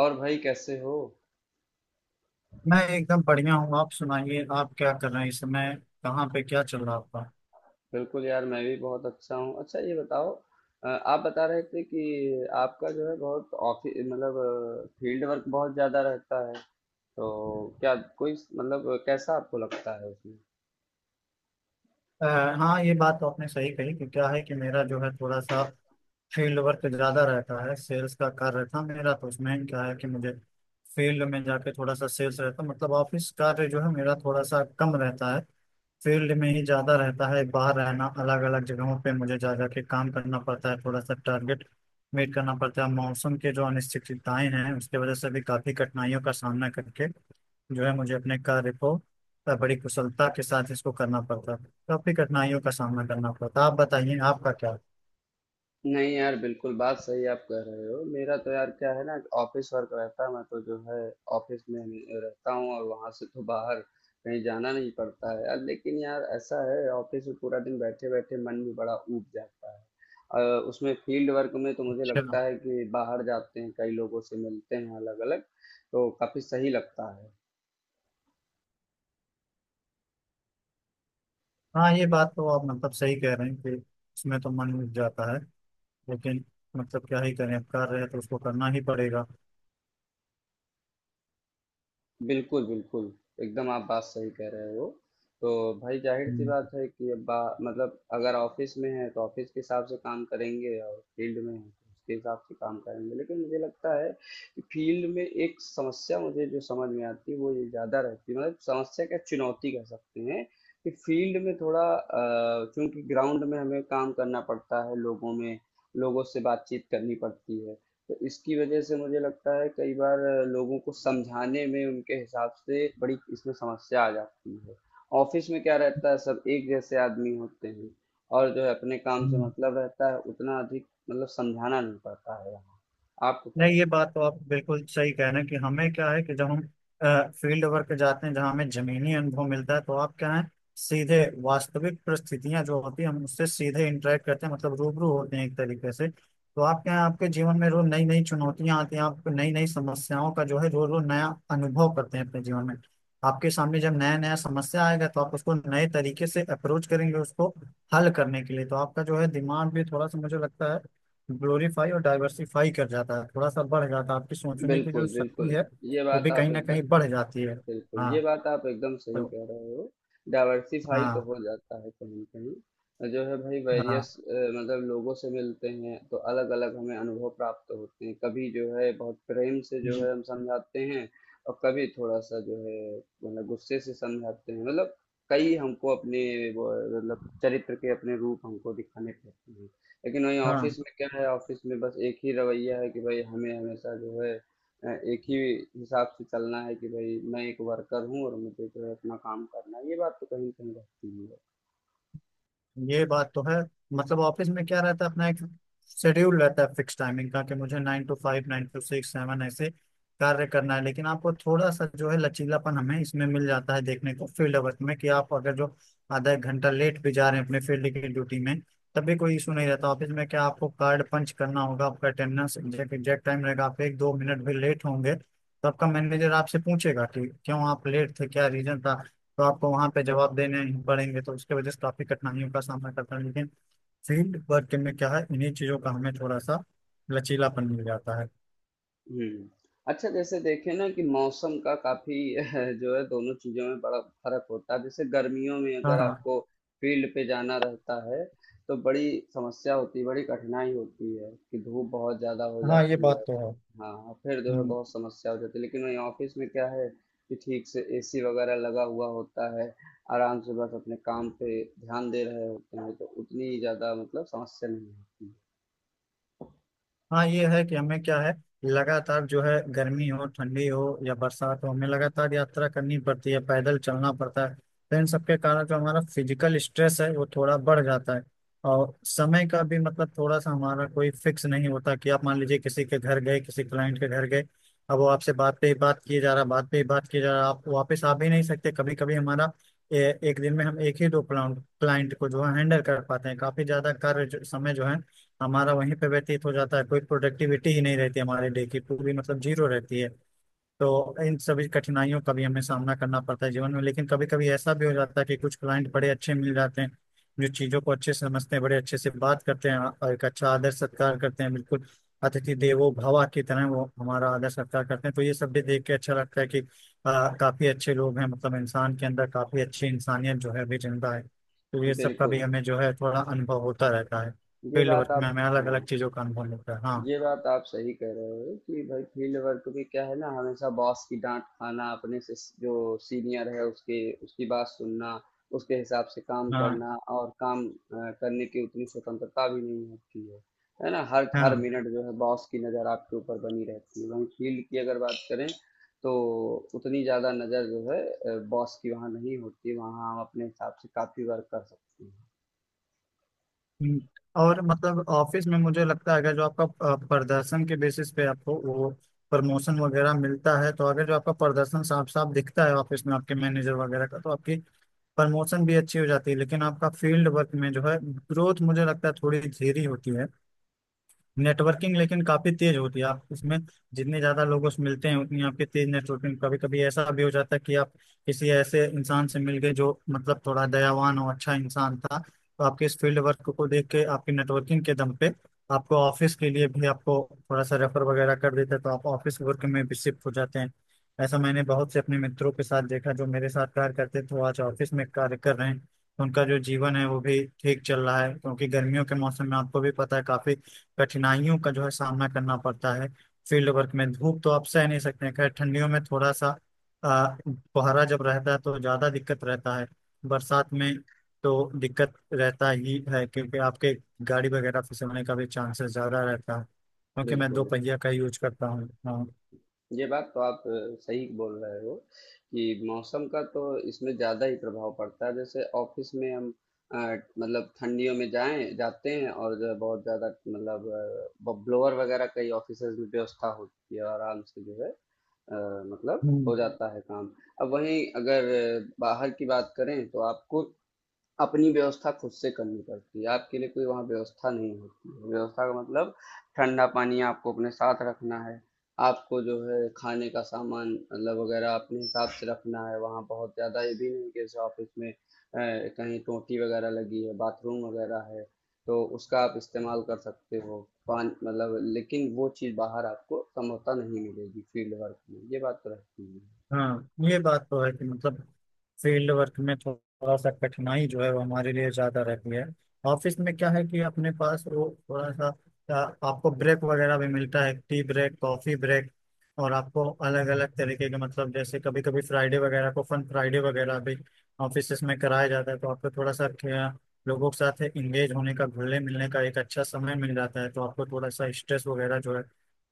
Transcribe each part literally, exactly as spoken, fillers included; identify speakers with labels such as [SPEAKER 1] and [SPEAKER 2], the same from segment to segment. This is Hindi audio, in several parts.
[SPEAKER 1] और भाई कैसे हो।
[SPEAKER 2] मैं एकदम बढ़िया हूँ। आप सुनाइए, आप क्या कर रहे हैं इस समय? कहाँ पे क्या चल रहा है आपका?
[SPEAKER 1] बिल्कुल यार, मैं भी बहुत अच्छा हूँ। अच्छा ये बताओ, अ, आप बता रहे थे कि आपका जो है बहुत ऑफिस मतलब फील्ड वर्क बहुत ज्यादा रहता है। तो क्या कोई मतलब कैसा आपको लगता है उसमें?
[SPEAKER 2] अ, हाँ, ये बात तो आपने सही कही। कि क्या है कि मेरा जो है थोड़ा सा फील्ड वर्क ज्यादा रहता है। सेल्स का कार्य था मेरा, तो उसमें क्या है कि मुझे फील्ड में जाके थोड़ा सा सेल्स रहता, मतलब ऑफिस कार्य जो है मेरा थोड़ा सा कम रहता है। फील्ड में ही ज्यादा रहता है, बाहर रहना, अलग अलग जगहों पे मुझे जा जाके काम करना पड़ता है। थोड़ा सा टारगेट मीट करना पड़ता है। मौसम के जो अनिश्चितताएं हैं उसकी वजह से भी काफी कठिनाइयों का सामना करके जो है मुझे अपने कार्य को अ, बड़ी कुशलता के साथ इसको करना पड़ता। काफी कठिनाइयों का सामना करना पड़ता। आप बताइए, आपका क्या?
[SPEAKER 1] नहीं यार, बिल्कुल बात सही आप कह रहे हो। मेरा तो यार क्या है ना, ऑफिस वर्क रहता है, मैं तो जो है ऑफिस में ही रहता हूँ और वहां से तो बाहर कहीं जाना नहीं पड़ता है यार। लेकिन यार ऐसा है, ऑफिस में पूरा दिन बैठे बैठे मन भी बड़ा ऊब जाता है। अ, उसमें फील्ड वर्क में तो मुझे
[SPEAKER 2] अच्छा।
[SPEAKER 1] लगता है कि बाहर जाते हैं, कई लोगों से मिलते हैं अलग अलग, तो काफी सही लगता है।
[SPEAKER 2] हाँ, ये बात तो आप मतलब सही कह रहे हैं कि इसमें तो मन उठ जाता है। लेकिन मतलब क्या ही करें, अब कार्य है तो उसको करना ही पड़ेगा।
[SPEAKER 1] बिल्कुल, बिल्कुल। एकदम आप बात सही कह रहे हो। तो भाई ज़ाहिर-सी
[SPEAKER 2] हम्म।
[SPEAKER 1] बात है कि अब बा मतलब अगर ऑफ़िस में हैं, तो ऑफ़िस के हिसाब से काम करेंगे और फ़ील्ड में हैं, तो उसके हिसाब से काम करेंगे। लेकिन मुझे लगता है कि फ़ील्ड में एक समस्या मुझे जो समझ में आती है, वो ये ज़्यादा रहती है। मतलब समस्या क्या, चुनौती कह सकते हैं कि फ़ील्ड में थोड़ा अ, चूँकि ग्राउंड में हमें काम करना पड़ता है, लोगों में लोगों से बातचीत करनी पड़ती है। तो इसकी वजह से मुझे लगता है कई बार लोगों को समझाने में उनके हिसाब से बड़ी इसमें समस्या आ जाती है। ऑफिस में क्या रहता है, सब एक जैसे आदमी होते हैं और जो है अपने काम से
[SPEAKER 2] हम्म।
[SPEAKER 1] मतलब रहता है, उतना अधिक मतलब समझाना नहीं पड़ता है यहाँ। आपको क्या
[SPEAKER 2] नहीं, ये
[SPEAKER 1] लगता
[SPEAKER 2] बात तो आप बिल्कुल सही कह रहे हैं कि हमें क्या है कि जब हम फील्ड वर्क जाते हैं जहाँ हमें जमीनी अनुभव मिलता है, तो आप क्या है, सीधे वास्तविक परिस्थितियां जो होती है हम उससे सीधे इंटरेक्ट करते हैं, मतलब रूबरू होते हैं एक तरीके से। तो आप क्या है, आपके जीवन में रोज नई नई चुनौतियां आती हैं, आपको नई नई समस्याओं का जो है रोज रोज नया अनुभव करते हैं अपने जीवन में। आपके सामने जब नया नया समस्या आएगा तो आप उसको नए तरीके से अप्रोच करेंगे, उसको हल करने के लिए। तो आपका जो है दिमाग भी थोड़ा सा मुझे लगता है ग्लोरीफाई और डाइवर्सिफाई कर जाता है, थोड़ा सा बढ़ जाता है। आपकी
[SPEAKER 1] है?
[SPEAKER 2] सोचने की जो
[SPEAKER 1] बिल्कुल
[SPEAKER 2] शक्ति
[SPEAKER 1] बिल्कुल,
[SPEAKER 2] है
[SPEAKER 1] ये
[SPEAKER 2] वो
[SPEAKER 1] बात
[SPEAKER 2] भी
[SPEAKER 1] आप
[SPEAKER 2] कहीं ना
[SPEAKER 1] एकदम
[SPEAKER 2] कहीं बढ़ जाती है।
[SPEAKER 1] बिल्कुल,
[SPEAKER 2] हाँ।
[SPEAKER 1] ये बात आप एकदम सही
[SPEAKER 2] तो
[SPEAKER 1] कह रहे हो। डाइवर्सिफाई तो
[SPEAKER 2] हाँ,
[SPEAKER 1] हो जाता है कहीं कहीं। और जो है भाई
[SPEAKER 2] हाँ।
[SPEAKER 1] वेरियस मतलब लोगों से मिलते हैं, तो अलग अलग हमें अनुभव प्राप्त होते हैं। कभी जो है बहुत प्रेम से जो
[SPEAKER 2] हम्म।
[SPEAKER 1] है हम समझाते हैं और कभी थोड़ा सा जो है मतलब गुस्से से समझाते हैं। मतलब कई हमको अपने वो, मतलब चरित्र के अपने रूप हमको दिखाने पड़ते हैं। लेकिन वहीं
[SPEAKER 2] हाँ,
[SPEAKER 1] ऑफिस में क्या है, ऑफिस में बस एक ही रवैया है कि भाई हमें हमेशा जो है अ, एक ही हिसाब से चलना है कि भाई मैं एक वर्कर हूँ और मुझे जो है अपना काम करना है। ये बात तो कहीं ना कहीं रहती है।
[SPEAKER 2] ये बात तो है। मतलब ऑफिस में क्या रहता है, अपना एक शेड्यूल रहता है फिक्स टाइमिंग का, कि मुझे nine to five, nine to six, seven, ऐसे कार्य करना है। लेकिन आपको थोड़ा सा जो है लचीलापन हमें इसमें मिल जाता है देखने को फील्ड वर्क में, कि आप अगर जो आधा एक घंटा लेट भी जा रहे हैं अपने फील्ड की ड्यूटी में, तब भी कोई इशू नहीं रहता। ऑफिस में क्या, आपको कार्ड पंच करना होगा, आपका अटेंडेंस एग्जैक्ट टाइम रहेगा, आप एक दो मिनट भी लेट होंगे तो आपका मैनेजर आपसे पूछेगा कि क्यों आप लेट थे, क्या रीजन था। तो आपको वहां पे जवाब देने पड़ेंगे। तो उसके वजह से काफी कठिनाइयों का सामना करता है। लेकिन फील्ड वर्क में क्या है, इन्हीं चीजों का हमें थोड़ा सा लचीलापन मिल जाता है।
[SPEAKER 1] हुँ। अच्छा जैसे देखें ना कि मौसम का काफ़ी जो है दोनों चीज़ों में बड़ा फ़र्क होता है। जैसे गर्मियों में
[SPEAKER 2] हाँ।
[SPEAKER 1] अगर
[SPEAKER 2] हाँ।
[SPEAKER 1] आपको फ़ील्ड पे जाना रहता है, तो बड़ी समस्या होती है, बड़ी कठिनाई होती है कि धूप बहुत ज़्यादा हो
[SPEAKER 2] हाँ, ये
[SPEAKER 1] जाती
[SPEAKER 2] बात
[SPEAKER 1] है।
[SPEAKER 2] तो है।
[SPEAKER 1] हाँ, फिर जो है
[SPEAKER 2] हम्म।
[SPEAKER 1] बहुत समस्या हो जाती है। लेकिन वहीं ऑफ़िस में क्या है कि ठीक से एसी वग़ैरह लगा हुआ होता है, आराम से बस अपने काम पे ध्यान दे रहे होते हैं, तो उतनी ज़्यादा मतलब समस्या नहीं होती।
[SPEAKER 2] हाँ, ये है कि हमें क्या है, लगातार जो है गर्मी हो, ठंडी हो या बरसात हो, हमें लगातार यात्रा करनी पड़ती है, पैदल चलना पड़ता है। तो इन सबके कारण जो हमारा फिजिकल स्ट्रेस है वो थोड़ा बढ़ जाता है। और समय का भी मतलब थोड़ा सा हमारा कोई फिक्स नहीं होता कि आप मान लीजिए किसी के घर गए, किसी क्लाइंट के घर गए, अब वो आपसे बात पे ही बात किए जा रहा, बात पे ही बात किए जा रहा, आप वापस आ भी नहीं सकते। कभी कभी हमारा ए, एक दिन में हम एक ही दो क्लाइंट को जो है हैंडल कर पाते हैं। काफी ज्यादा कार्य जो- समय जो है हमारा वहीं पे व्यतीत हो जाता है, कोई प्रोडक्टिविटी ही नहीं रहती, हमारे डे की पूरी मतलब जीरो रहती है। तो इन सभी कठिनाइयों का भी हमें सामना करना पड़ता है जीवन में। लेकिन कभी कभी ऐसा भी हो जाता है कि कुछ क्लाइंट बड़े अच्छे मिल जाते हैं, जो चीजों को अच्छे से समझते हैं, बड़े अच्छे से बात करते हैं और एक अच्छा आदर सत्कार करते हैं, बिल्कुल अतिथि देवो भवा की तरह वो हमारा आदर सत्कार करते हैं। तो ये सब भी देख के अच्छा लगता है कि आ, काफी अच्छे लोग हैं, मतलब इंसान के अंदर काफी अच्छी इंसानियत जो है अभी जिंदा है। तो ये सब का भी
[SPEAKER 1] बिल्कुल,
[SPEAKER 2] हमें जो है थोड़ा अनुभव होता रहता है।
[SPEAKER 1] ये
[SPEAKER 2] फील्ड
[SPEAKER 1] बात
[SPEAKER 2] वर्क में
[SPEAKER 1] आप
[SPEAKER 2] हमें अलग
[SPEAKER 1] हाँ।
[SPEAKER 2] अलग चीजों का अनुभव होता है। हाँ।
[SPEAKER 1] ये बात आप सही कह रहे हो कि भाई फील्ड वर्क में क्या है ना, हमेशा बॉस की डांट खाना, अपने से जो सीनियर है उसके उसकी बात सुनना, उसके हिसाब से काम
[SPEAKER 2] हाँ।
[SPEAKER 1] करना और काम अ, करने की उतनी स्वतंत्रता भी नहीं होती है। है ना, हर हर
[SPEAKER 2] हाँ।
[SPEAKER 1] मिनट जो है बॉस की नज़र आपके ऊपर बनी रहती है। वहीं फील्ड की अगर बात करें, तो उतनी ज़्यादा नज़र जो है बॉस की वहाँ नहीं होती, वहाँ हम अपने हिसाब से काफ़ी वर्क कर सकते हैं।
[SPEAKER 2] हम्म। और मतलब ऑफिस में मुझे लगता है अगर जो आपका अ, प्रदर्शन के बेसिस पे आपको वो प्रमोशन वगैरह मिलता है, तो अगर जो आपका प्रदर्शन साफ साफ दिखता है ऑफिस में आपके मैनेजर वगैरह का, तो आपकी प्रमोशन भी अच्छी हो जाती है। लेकिन आपका फील्ड वर्क में जो है ग्रोथ मुझे लगता है थोड़ी धीरे होती है। नेटवर्किंग लेकिन काफी तेज होती है। आप इसमें जितने ज्यादा लोगों से मिलते हैं उतनी आपकी तेज नेटवर्किंग। कभी कभी ऐसा भी हो जाता है कि आप किसी ऐसे इंसान से मिल गए जो मतलब थोड़ा दयावान और अच्छा इंसान था, तो आपके इस फील्ड वर्क को देख के आपकी नेटवर्किंग के दम पे आपको ऑफिस के लिए भी आपको थोड़ा सा रेफर वगैरह कर देता है। तो आप ऑफिस वर्क में भी शिफ्ट हो जाते हैं। ऐसा मैंने बहुत से अपने मित्रों के साथ देखा, जो मेरे साथ कार्य करते थे वो आज ऑफिस में कार्य कर रहे हैं। उनका जो जीवन है वो भी ठीक चल रहा है। क्योंकि गर्मियों के मौसम में आपको भी पता है, काफी कठिनाइयों का जो है सामना करना पड़ता है। फील्ड वर्क में धूप तो आप सह नहीं सकते हैं। खैर ठंडियों में थोड़ा सा अ, कोहरा जब रहता है तो ज़्यादा दिक्कत रहता है। बरसात में तो दिक्कत रहता ही है, क्योंकि आपके गाड़ी वगैरह फिसलने का भी चांसेस ज़्यादा रहता है, क्योंकि मैं दो
[SPEAKER 1] बिल्कुल,
[SPEAKER 2] पहिया का यूज करता हूँ। हाँ।
[SPEAKER 1] ये बात तो आप अ, सही बोल रहे हो कि मौसम का तो इसमें ज़्यादा ही प्रभाव पड़ता है। जैसे ऑफिस में हम अ, मतलब ठंडियों में जाएं जाते हैं और जो है बहुत ज़्यादा मतलब ब्लोअर वगैरह कई ऑफिस में व्यवस्था होती है, आराम से जो है अ, मतलब
[SPEAKER 2] हम्म।
[SPEAKER 1] हो जाता है काम। अब वहीं अगर अ, बाहर की बात करें, तो आपको अपनी व्यवस्था खुद से करनी पड़ती है। आपके लिए कोई वहाँ व्यवस्था नहीं होती है। व्यवस्था का मतलब, ठंडा पानी आपको अपने साथ रखना है, आपको जो है खाने का सामान मतलब वगैरह अपने हिसाब से रखना है। वहाँ बहुत ज़्यादा ये भी नहीं कि जैसे ऑफिस में अ, कहीं टोंटी वगैरह लगी है, बाथरूम वगैरह है, तो उसका आप इस्तेमाल कर सकते हो, पान मतलब। लेकिन वो चीज़ बाहर आपको संभवतः नहीं मिलेगी फील्ड वर्क में, ये बात तो रहती है।
[SPEAKER 2] हाँ, ये बात तो है कि मतलब फील्ड वर्क में थोड़ा सा कठिनाई जो है वो हमारे लिए ज्यादा रहती है। ऑफिस में क्या है कि अपने पास वो थोड़ा सा आ, आपको ब्रेक वगैरह भी मिलता है, टी ब्रेक, कॉफी ब्रेक, और आपको अलग अलग तरीके के मतलब जैसे कभी कभी फ्राइडे वगैरह को फन फ्राइडे वगैरह भी ऑफिस में कराया जाता है। तो आपको थोड़ा सा क्या- लोगों के साथ इंगेज होने का, घुलने मिलने का एक अच्छा समय मिल जाता है। तो आपको थोड़ा सा स्ट्रेस वगैरह जो है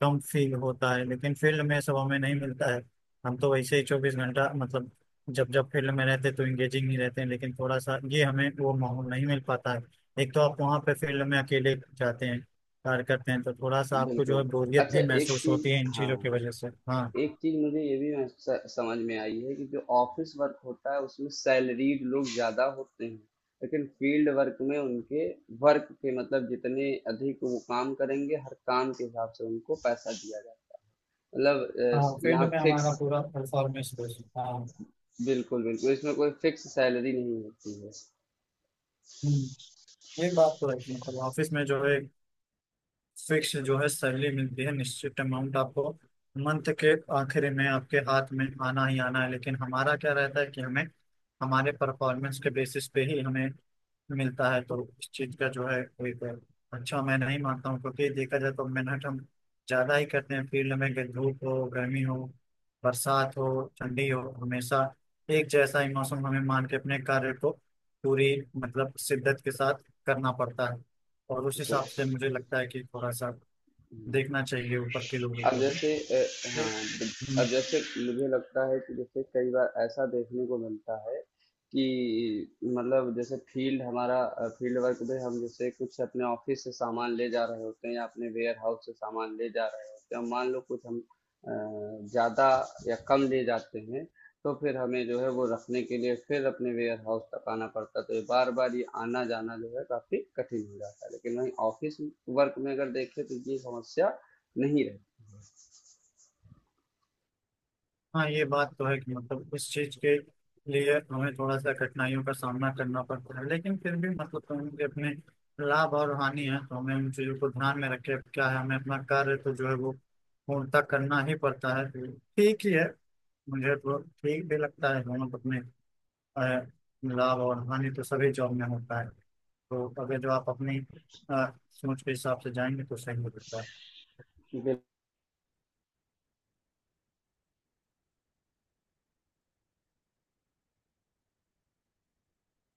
[SPEAKER 2] कम फील होता है। लेकिन फील्ड में सब हमें नहीं मिलता है। हम तो वैसे ही चौबीस घंटा मतलब जब जब फील्ड में रहते तो इंगेजिंग ही रहते हैं, लेकिन थोड़ा सा ये हमें वो माहौल नहीं मिल पाता है। एक तो आप वहाँ पे फील्ड में अकेले जाते हैं, कार्य करते हैं, तो थोड़ा सा आपको जो
[SPEAKER 1] बिल्कुल।
[SPEAKER 2] है बोरियत
[SPEAKER 1] अच्छा
[SPEAKER 2] भी
[SPEAKER 1] एक
[SPEAKER 2] महसूस
[SPEAKER 1] चीज,
[SPEAKER 2] होती है इन
[SPEAKER 1] हाँ
[SPEAKER 2] चीज़ों की
[SPEAKER 1] हाँ।
[SPEAKER 2] वजह से। हाँ।
[SPEAKER 1] एक चीज मुझे ये भी महस- समझ में आई है कि जो ऑफिस वर्क होता है, उसमें सैलरीड लोग ज्यादा होते हैं। लेकिन फील्ड वर्क में उनके वर्क के मतलब जितने अधिक वो काम करेंगे, हर काम के हिसाब से उनको पैसा दिया जाता है। मतलब अ,
[SPEAKER 2] हाँ,
[SPEAKER 1] स-
[SPEAKER 2] फील्ड
[SPEAKER 1] यहाँ
[SPEAKER 2] में
[SPEAKER 1] फिक्स
[SPEAKER 2] हमारा पूरा परफॉर्मेंस बेस्ड। हाँ।
[SPEAKER 1] बिल्कुल बिल्कुल, इसमें कोई फिक्स सैलरी नहीं होती है।
[SPEAKER 2] हम्म। ये बात तो है मतलब ऑफिस में जो है फिक्स जो है सैलरी मिलती है, निश्चित अमाउंट आपको मंथ के आखिर में आपके हाथ में आना ही आना है। लेकिन हमारा क्या रहता है कि हमें हमारे परफॉर्मेंस के बेसिस पे ही हमें मिलता है। तो इस चीज का जो है कोई कोई अच्छा मैं नहीं मानता हूँ, क्योंकि देखा जाए तो मेहनत हम ज्यादा ही करते हैं फील्ड में। अगर धूप हो, गर्मी हो, बरसात हो, ठंडी हो, हमेशा एक जैसा ही मौसम हमें मान के अपने कार्य को पूरी मतलब शिद्दत के साथ करना पड़ता है। और उस
[SPEAKER 1] बिल्कुल।
[SPEAKER 2] हिसाब से मुझे लगता है कि थोड़ा सा
[SPEAKER 1] हम्म।
[SPEAKER 2] देखना चाहिए ऊपर के लोगों
[SPEAKER 1] अब
[SPEAKER 2] को भी।
[SPEAKER 1] जैसे अ, हाँ, बिल- अब
[SPEAKER 2] लेकिन
[SPEAKER 1] जैसे मुझे लगता है कि जैसे कई बार ऐसा देखने को मिलता है कि मतलब जैसे फील्ड हमारा फील्ड वर्क में हम जैसे कुछ अपने ऑफिस से सामान ले जा रहे होते हैं या अपने वेयर हाउस से सामान ले जा रहे होते हैं, मान लो कुछ हम अ, ज्यादा या कम ले जाते हैं, तो फिर हमें जो है वो रखने के लिए फिर अपने वेयर हाउस तक आना पड़ता है। तो ये बार बार ये आना जाना जो है काफी कठिन हो जाता है। लेकिन वहीं ऑफिस वर्क में अगर देखें, तो ये समस्या नहीं रहती।
[SPEAKER 2] हाँ, ये बात तो है कि मतलब इस चीज के लिए हमें थोड़ा सा कठिनाइयों का सामना करना पड़ता है। लेकिन फिर भी मतलब तो उनके अपने लाभ और हानि है, तो हमें उन चीजों को ध्यान में रखे, क्या है, हमें अपना कार्य तो जो है वो पूर्णतः करना ही पड़ता है। तो ठीक ही है। मुझे तो ठीक भी लगता है दोनों को अपने अ, लाभ और हानि तो सभी जॉब में होता है। तो अगर जो आप अपनी अ, सोच के हिसाब से जाएंगे तो सही हो सकता है।